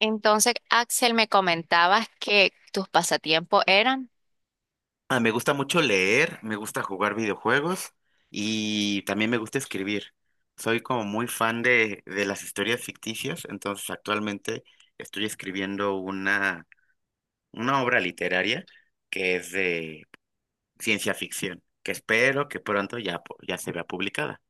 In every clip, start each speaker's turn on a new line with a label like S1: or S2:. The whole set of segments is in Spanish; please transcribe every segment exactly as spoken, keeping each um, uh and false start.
S1: Entonces, Axel, me comentabas que tus pasatiempos eran.
S2: Ah, me gusta mucho leer, me gusta jugar videojuegos y también me gusta escribir. Soy como muy fan de, de las historias ficticias, entonces actualmente estoy escribiendo una, una obra literaria que es de ciencia ficción, que espero que pronto ya, pu- ya se vea publicada.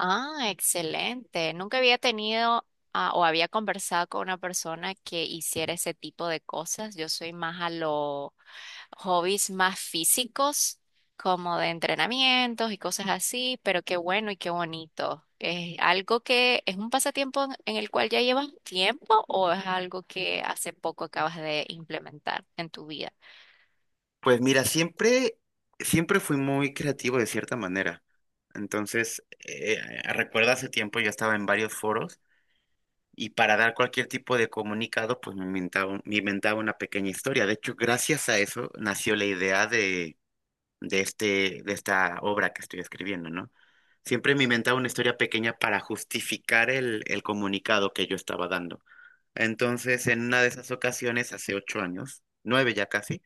S1: Ah, excelente. Nunca había tenido ah, o había conversado con una persona que hiciera ese tipo de cosas. Yo soy más a los hobbies más físicos, como de entrenamientos y cosas así, pero qué bueno y qué bonito. ¿Es algo que es un pasatiempo en en el cual ya llevas tiempo o es algo que hace poco acabas de implementar en tu vida?
S2: Pues mira, siempre, siempre fui muy creativo de cierta manera. Entonces, eh, recuerdo hace tiempo yo estaba en varios foros. Y para dar cualquier tipo de comunicado, pues me inventaba, un- me inventaba una pequeña historia. De hecho, gracias a eso nació la idea de, de, este, de esta obra que estoy escribiendo, ¿no? Siempre me inventaba una historia pequeña para justificar el, el comunicado que yo estaba dando. Entonces, en una de esas ocasiones, hace ocho años, nueve ya casi,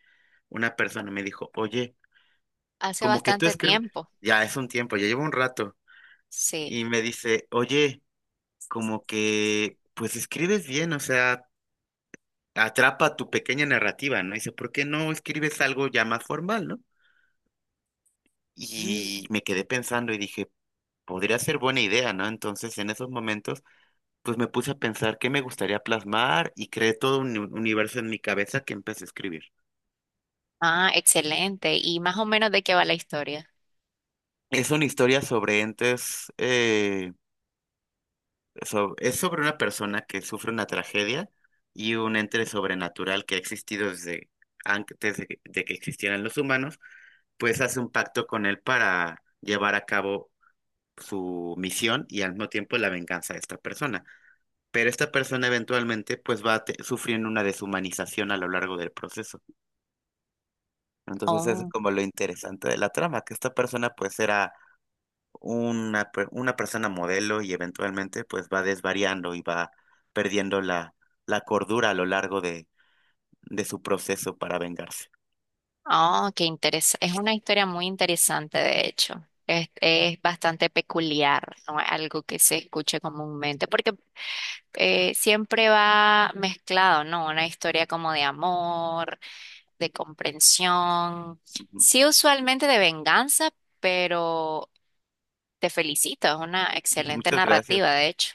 S2: una persona me dijo, oye,
S1: Hace
S2: como que tú
S1: bastante
S2: escribes,
S1: tiempo.
S2: ya es un tiempo, ya llevo un rato,
S1: Sí.
S2: y me dice, oye, como que, pues escribes bien, o sea... atrapa tu pequeña narrativa, ¿no? Y dice, ¿por qué no escribes algo ya más formal, ¿no?
S1: Mm.
S2: Y me quedé pensando y dije, podría ser buena idea, ¿no? Entonces, en esos momentos, pues me puse a pensar qué me gustaría plasmar y creé todo un uni- universo en mi cabeza que empecé a escribir.
S1: Ah, excelente. ¿Y más o menos de qué va la historia?
S2: Es una historia sobre entes, eh, so- es sobre una persona que sufre una tragedia y un ente sobrenatural que ha existido desde antes de que de que existieran los humanos, pues hace un pacto con él para llevar a cabo su misión y al mismo tiempo la venganza de esta persona. Pero esta persona eventualmente pues va a te- sufriendo una deshumanización a lo largo del proceso. Entonces eso es
S1: Oh,
S2: como lo interesante de la trama, que esta persona pues era una, per- una persona modelo y eventualmente pues va desvariando y va perdiendo la, la cordura a lo largo de, de su proceso para vengarse.
S1: oh, qué interesante. Es una historia muy interesante, de hecho. Es, es bastante peculiar, no es algo que se escuche comúnmente, porque eh, siempre va mezclado, ¿no? Una historia como de amor, de comprensión,
S2: Ujú.
S1: sí usualmente de venganza, pero te felicito, es una excelente
S2: Muchas gracias.
S1: narrativa, de hecho.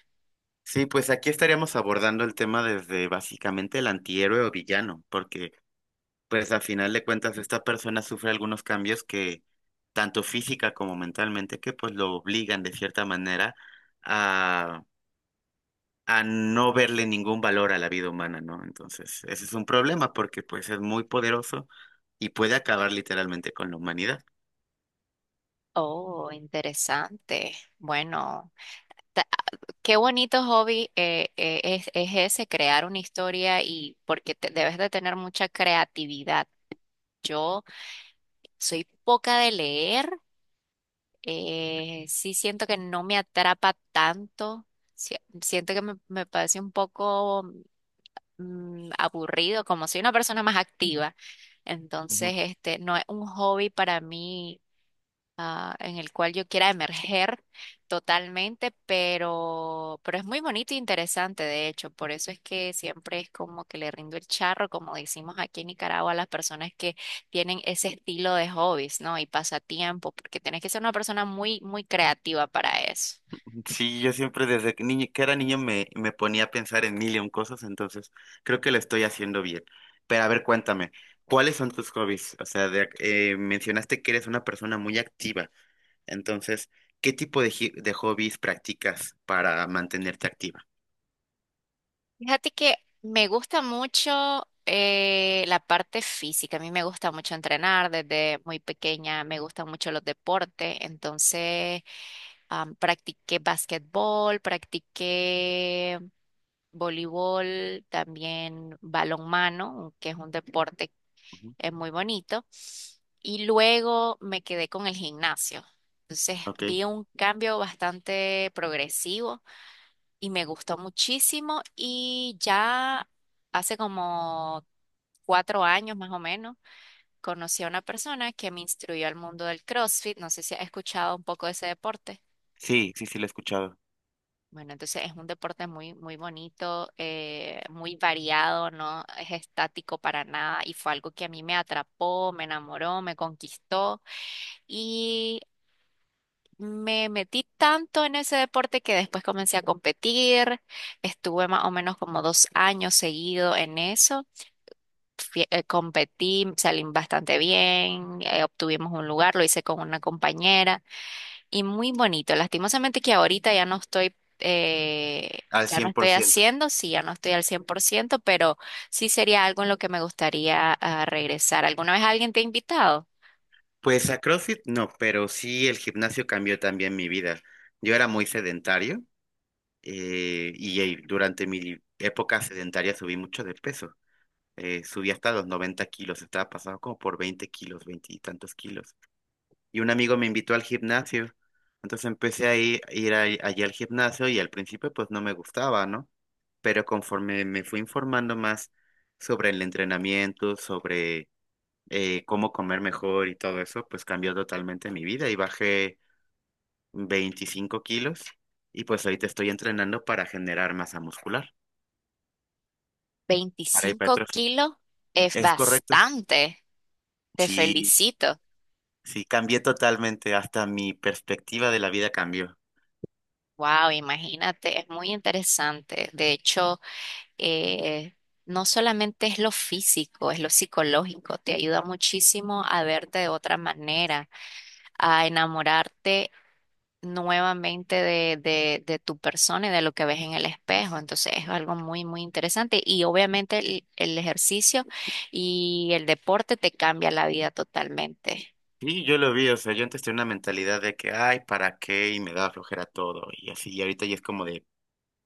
S2: Sí, pues aquí estaríamos abordando el tema desde básicamente el antihéroe o villano, porque pues a final de cuentas, esta persona sufre algunos cambios que, tanto física como mentalmente, que pues lo obligan de cierta manera a, a no verle ningún valor a la vida humana, ¿no? Entonces, ese es un problema porque pues es muy poderoso y puede acabar literalmente con la humanidad.
S1: Oh, interesante. Bueno, ta- qué bonito hobby eh, eh, es, es ese, crear una historia y porque te- debes de tener mucha creatividad. Yo soy poca de leer, eh, sí siento que no me atrapa tanto, si- siento que me, me parece un poco mm, aburrido, como soy una persona más activa, entonces este no es un hobby para mí ah, en el cual yo quiera emerger totalmente, pero, pero es muy bonito e interesante, de hecho, por eso es que siempre es como que le rindo el charro, como decimos aquí en Nicaragua, a las personas que tienen ese estilo de hobbies, ¿no? Y pasatiempo, porque tienes que ser una persona muy, muy creativa para eso.
S2: Sí, yo siempre desde que, niño- que era niño me, me ponía a pensar en mil y un cosas, entonces creo que lo estoy haciendo bien. Pero a ver, cuéntame, ¿cuáles son tus hobbies? O sea, de- eh, mencionaste que eres una persona muy activa, entonces, ¿qué tipo de, ji- de hobbies practicas para mantenerte activa?
S1: Fíjate que me gusta mucho eh, la parte física. A mí me gusta mucho entrenar desde muy pequeña. Me gustan mucho los deportes. Entonces, Am, practiqué basquetbol, practiqué voleibol, también balonmano, que es un deporte
S2: Ujú.
S1: eh, muy bonito. Y luego me quedé con el gimnasio. Entonces
S2: Ok,
S1: vi un cambio bastante progresivo y me gustó muchísimo y ya hace como cuatro años más o menos, conocí a una persona que me instruyó al mundo del CrossFit. No sé si has escuchado un poco de ese deporte.
S2: sí, sí, sí, lo he escuchado.
S1: Bueno, entonces es un deporte muy, muy bonito, eh, muy variado, no es estático para nada y fue algo que a mí me atrapó, me enamoró, me conquistó y me metí tanto en ese deporte que después comencé a competir, estuve más o menos como dos años seguido en eso, Fui- eh, competí, salí bastante bien, eh, obtuvimos un lugar, lo hice con una compañera y muy bonito. Lastimosamente que ahorita ya no estoy, eh,
S2: Al
S1: ya no
S2: cien por
S1: estoy
S2: ciento.
S1: haciendo, sí, ya no estoy al cien por ciento pero sí sería algo en lo que me gustaría ah, regresar. ¿Alguna vez alguien te ha invitado?
S2: Pues a CrossFit no, pero sí el gimnasio cambió también mi vida. Yo era muy sedentario, eh, y eh, durante mi época sedentaria subí mucho de peso. Eh, subí hasta los noventa kilos, estaba pasado como por veinte kilos, veinte y tantos kilos. Y un amigo me invitó al gimnasio. Entonces empecé a ir, ir ahí- allí al gimnasio y al principio pues no me gustaba, ¿no? Pero conforme me fui informando más sobre el entrenamiento, sobre eh, cómo comer mejor y todo eso, pues cambió totalmente mi vida y bajé veinticinco kilos y pues ahorita estoy entrenando para generar masa muscular. Para
S1: Veinticinco
S2: hipertrofia.
S1: kilos es
S2: Es correcto.
S1: bastante. Te
S2: Sí,
S1: felicito.
S2: sí, cambié totalmente. Hasta mi perspectiva de la vida cambió.
S1: Wow, imagínate, es muy interesante. De hecho, eh, no solamente es lo físico, es lo psicológico. Te ayuda muchísimo a verte de otra manera a enamorarte nuevamente de, de, de tu persona y de lo que ves en el espejo. Entonces es algo muy, muy interesante. Y obviamente el, el ejercicio y el deporte te cambia la vida totalmente.
S2: Sí, yo lo vi. O sea, yo antes tenía una mentalidad de que, ay, ¿para qué? Y me daba flojera todo. Y así, y ahorita ya es como de,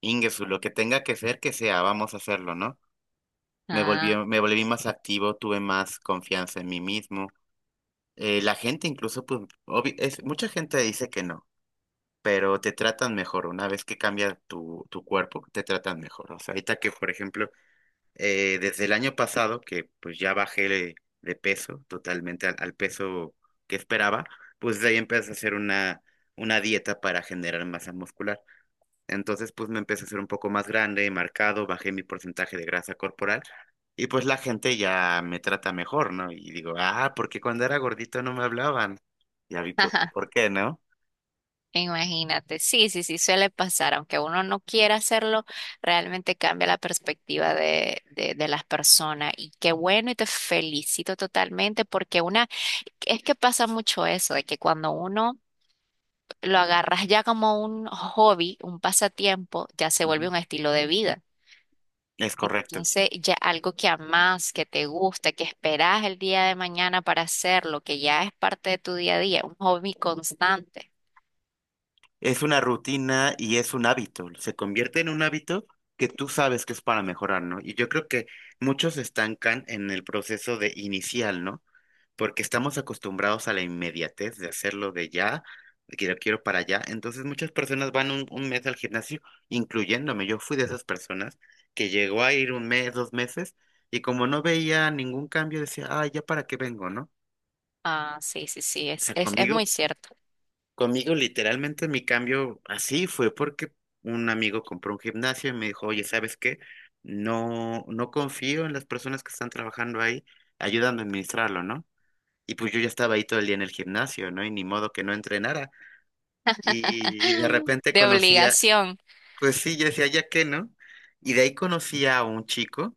S2: Ingesu, lo que tenga que ser, que sea, vamos a hacerlo, ¿no? Me
S1: Ah,
S2: volví, me volví más activo, tuve más confianza en mí mismo. Eh, la gente incluso, pues, obvi- es, mucha gente dice que no, pero te tratan mejor. Una vez que cambia tu, tu cuerpo, te tratan mejor. O sea, ahorita que, por ejemplo, Eh, desde el año pasado, que pues ya bajé de, de peso totalmente al, al peso que esperaba, pues de ahí empecé a hacer una, una dieta para generar masa muscular. Entonces, pues me empecé a hacer un poco más grande, marcado, bajé mi porcentaje de grasa corporal y pues la gente ya me trata mejor, ¿no? Y digo, ah, porque cuando era gordito no me hablaban. Ya vi por, por qué, ¿no?
S1: imagínate. Sí, sí, sí, suele pasar. Aunque uno no quiera hacerlo, realmente cambia la perspectiva de, de, de las personas. Y qué bueno y te felicito totalmente porque una, es que pasa mucho eso, de que cuando uno lo agarras ya como un hobby, un pasatiempo, ya se vuelve
S2: Ujú.
S1: un estilo de vida.
S2: Es correcto.
S1: Entonces, ya algo que amas, que te gusta, que esperas el día de mañana para hacerlo, que ya es parte de tu día a día, un hobby constante.
S2: Es una rutina y es un hábito. Se convierte en un hábito que tú sabes que es para mejorar, ¿no? Y yo creo que muchos se estancan en el proceso de inicial, ¿no? Porque estamos acostumbrados a la inmediatez de hacerlo de ya, de que lo quiero para allá. Entonces muchas personas van un, un mes al gimnasio, incluyéndome. Yo fui de esas personas que llegó a ir un mes, dos meses, y como no veía ningún cambio, decía, ah, ya para qué vengo, ¿no?
S1: Ah, sí, sí, sí,
S2: O
S1: es,
S2: sea,
S1: es, es
S2: conmigo
S1: muy cierto.
S2: conmigo, literalmente, mi cambio así fue porque un amigo compró un gimnasio y me dijo, oye, ¿sabes qué? No, no confío en las personas que están trabajando ahí, ayúdame a administrarlo, ¿no? Y pues yo ya estaba ahí todo el día en el gimnasio, ¿no? Y ni modo que no entrenara. Y de repente
S1: De
S2: conocía,
S1: obligación.
S2: pues sí, yo decía, ¿ya qué, no? Y de ahí conocí a un chico,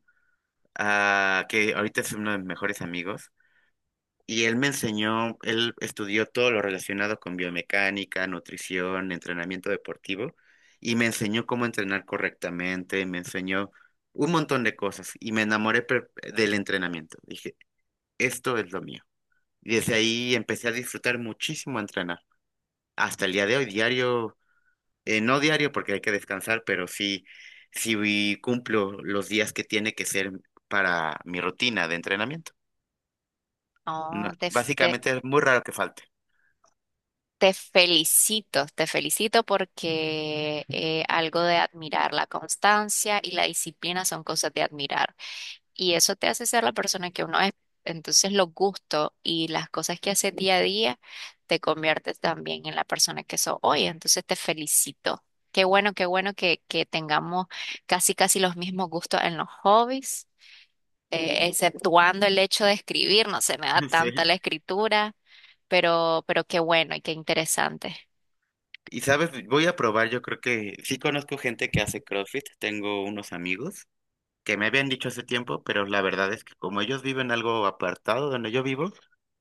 S2: ah, que ahorita es uno de mis mejores amigos, y él me enseñó, él estudió todo lo relacionado con biomecánica, nutrición, entrenamiento deportivo, y me enseñó cómo entrenar correctamente, me enseñó un montón de cosas, y me enamoré per- del entrenamiento. Dije, esto es lo mío. Y desde ahí empecé a disfrutar muchísimo entrenar. Hasta el día de hoy, diario, eh, no diario porque hay que descansar, pero sí, sí cumplo los días que tiene que ser para mi rutina de entrenamiento.
S1: Oh,
S2: No,
S1: te, f- te,
S2: básicamente es muy raro que falte.
S1: te felicito, te felicito porque eh, algo de admirar, la constancia y la disciplina son cosas de admirar. Y eso te hace ser la persona que uno es. Entonces los gustos y las cosas que haces día a día te conviertes también en la persona que sos hoy. Entonces te felicito. Qué bueno, qué bueno que, que tengamos casi, casi los mismos gustos en los hobbies, eh, exceptuando el hecho de escribir. No se me da tanta la
S2: Sí.
S1: escritura, pero, pero qué bueno y qué interesante.
S2: Y sabes, voy a probar, yo creo que sí conozco gente que hace CrossFit, tengo unos amigos que me habían dicho hace tiempo, pero la verdad es que como ellos viven algo apartado de donde yo vivo,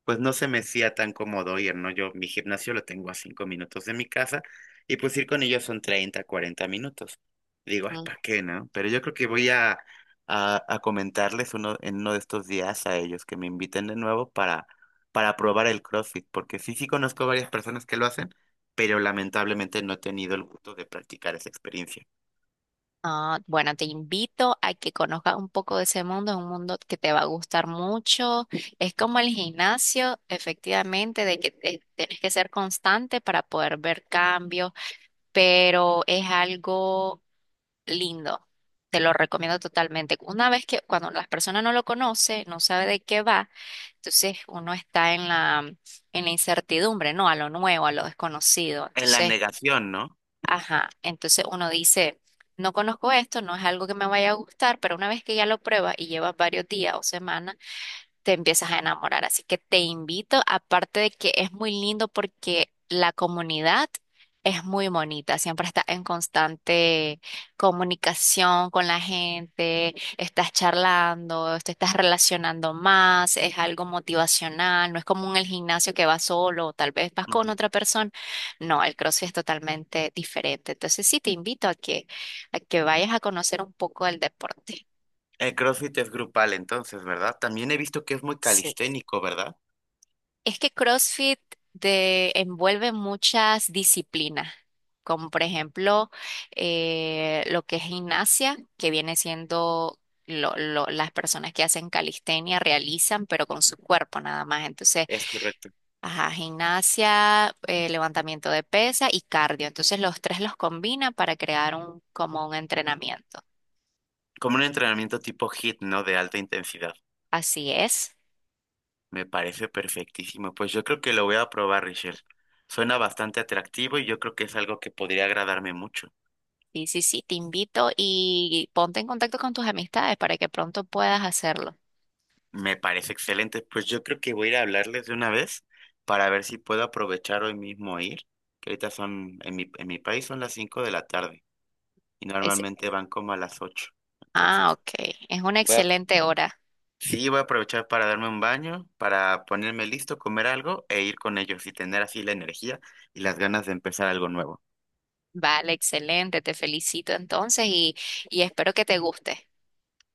S2: pues no se me hacía tan cómodo ir, ¿no? Yo mi gimnasio lo tengo a cinco minutos de mi casa y pues ir con ellos son treinta cuarenta minutos. Digo, ay, ¿para qué, no? Pero yo creo que voy a, a, a comentarles uno, en uno de estos días a ellos que me inviten de nuevo para, para probar el CrossFit, porque sí, sí conozco varias personas que lo hacen, pero lamentablemente no he tenido el gusto de practicar esa experiencia.
S1: Ah, bueno, te invito a que conozcas un poco de ese mundo, es un mundo que te va a gustar mucho. Es como el gimnasio, efectivamente, de que te- tienes que ser constante para poder ver cambios, pero es algo lindo. Te lo recomiendo totalmente. Una vez que cuando las personas no lo conocen, no sabe de qué va, entonces uno está en la, en la incertidumbre, ¿no? A lo nuevo, a lo desconocido.
S2: En la
S1: Entonces,
S2: negación, ¿no?
S1: ajá, entonces uno dice, no conozco esto, no es algo que me vaya a gustar, pero una vez que ya lo pruebas y llevas varios días o semanas, te empiezas a enamorar. Así que te invito, aparte de que es muy lindo porque la comunidad es muy bonita, siempre estás en constante comunicación con la gente, estás charlando, te estás relacionando más, es algo motivacional, no es como en el gimnasio que vas solo o tal vez vas con otra persona. No, el CrossFit es totalmente diferente. Entonces sí, te invito a que, a que vayas a conocer un poco del deporte.
S2: El CrossFit es grupal, entonces, ¿verdad? También he visto que es muy
S1: Sí.
S2: calisténico, ¿verdad?
S1: Es que CrossFit te envuelve muchas disciplinas, como por ejemplo eh, lo que es gimnasia, que viene siendo lo, lo- las personas que hacen calistenia realizan, pero con su
S2: Ujú.
S1: cuerpo nada más. Entonces,
S2: Es correcto.
S1: ajá, gimnasia, eh, levantamiento de pesa y cardio. Entonces, los tres los combina para crear un, como un entrenamiento.
S2: Como un entrenamiento tipo hit, ¿no? De alta intensidad.
S1: Así es.
S2: Me parece perfectísimo. Pues yo creo que lo voy a probar, Richel. Suena bastante atractivo y yo creo que es algo que podría agradarme mucho.
S1: Sí, sí, sí, te invito y ponte en contacto con tus amistades para que pronto puedas hacerlo.
S2: Me parece excelente. Pues yo creo que voy a ir a hablarles de una vez para ver si puedo aprovechar hoy mismo ir, que ahorita son, en mi, en mi país son las cinco de la tarde y normalmente van como a las ocho.
S1: Ah,
S2: Entonces...
S1: ok. Es una excelente hora.
S2: Sí, voy a aprovechar para darme un baño, para ponerme listo, comer algo e ir con ellos y tener así la energía y las ganas de empezar algo nuevo.
S1: Vale, excelente. Te felicito entonces y, y espero que te guste.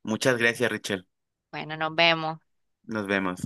S2: Muchas gracias, Richel.
S1: Bueno, nos vemos.
S2: Nos vemos.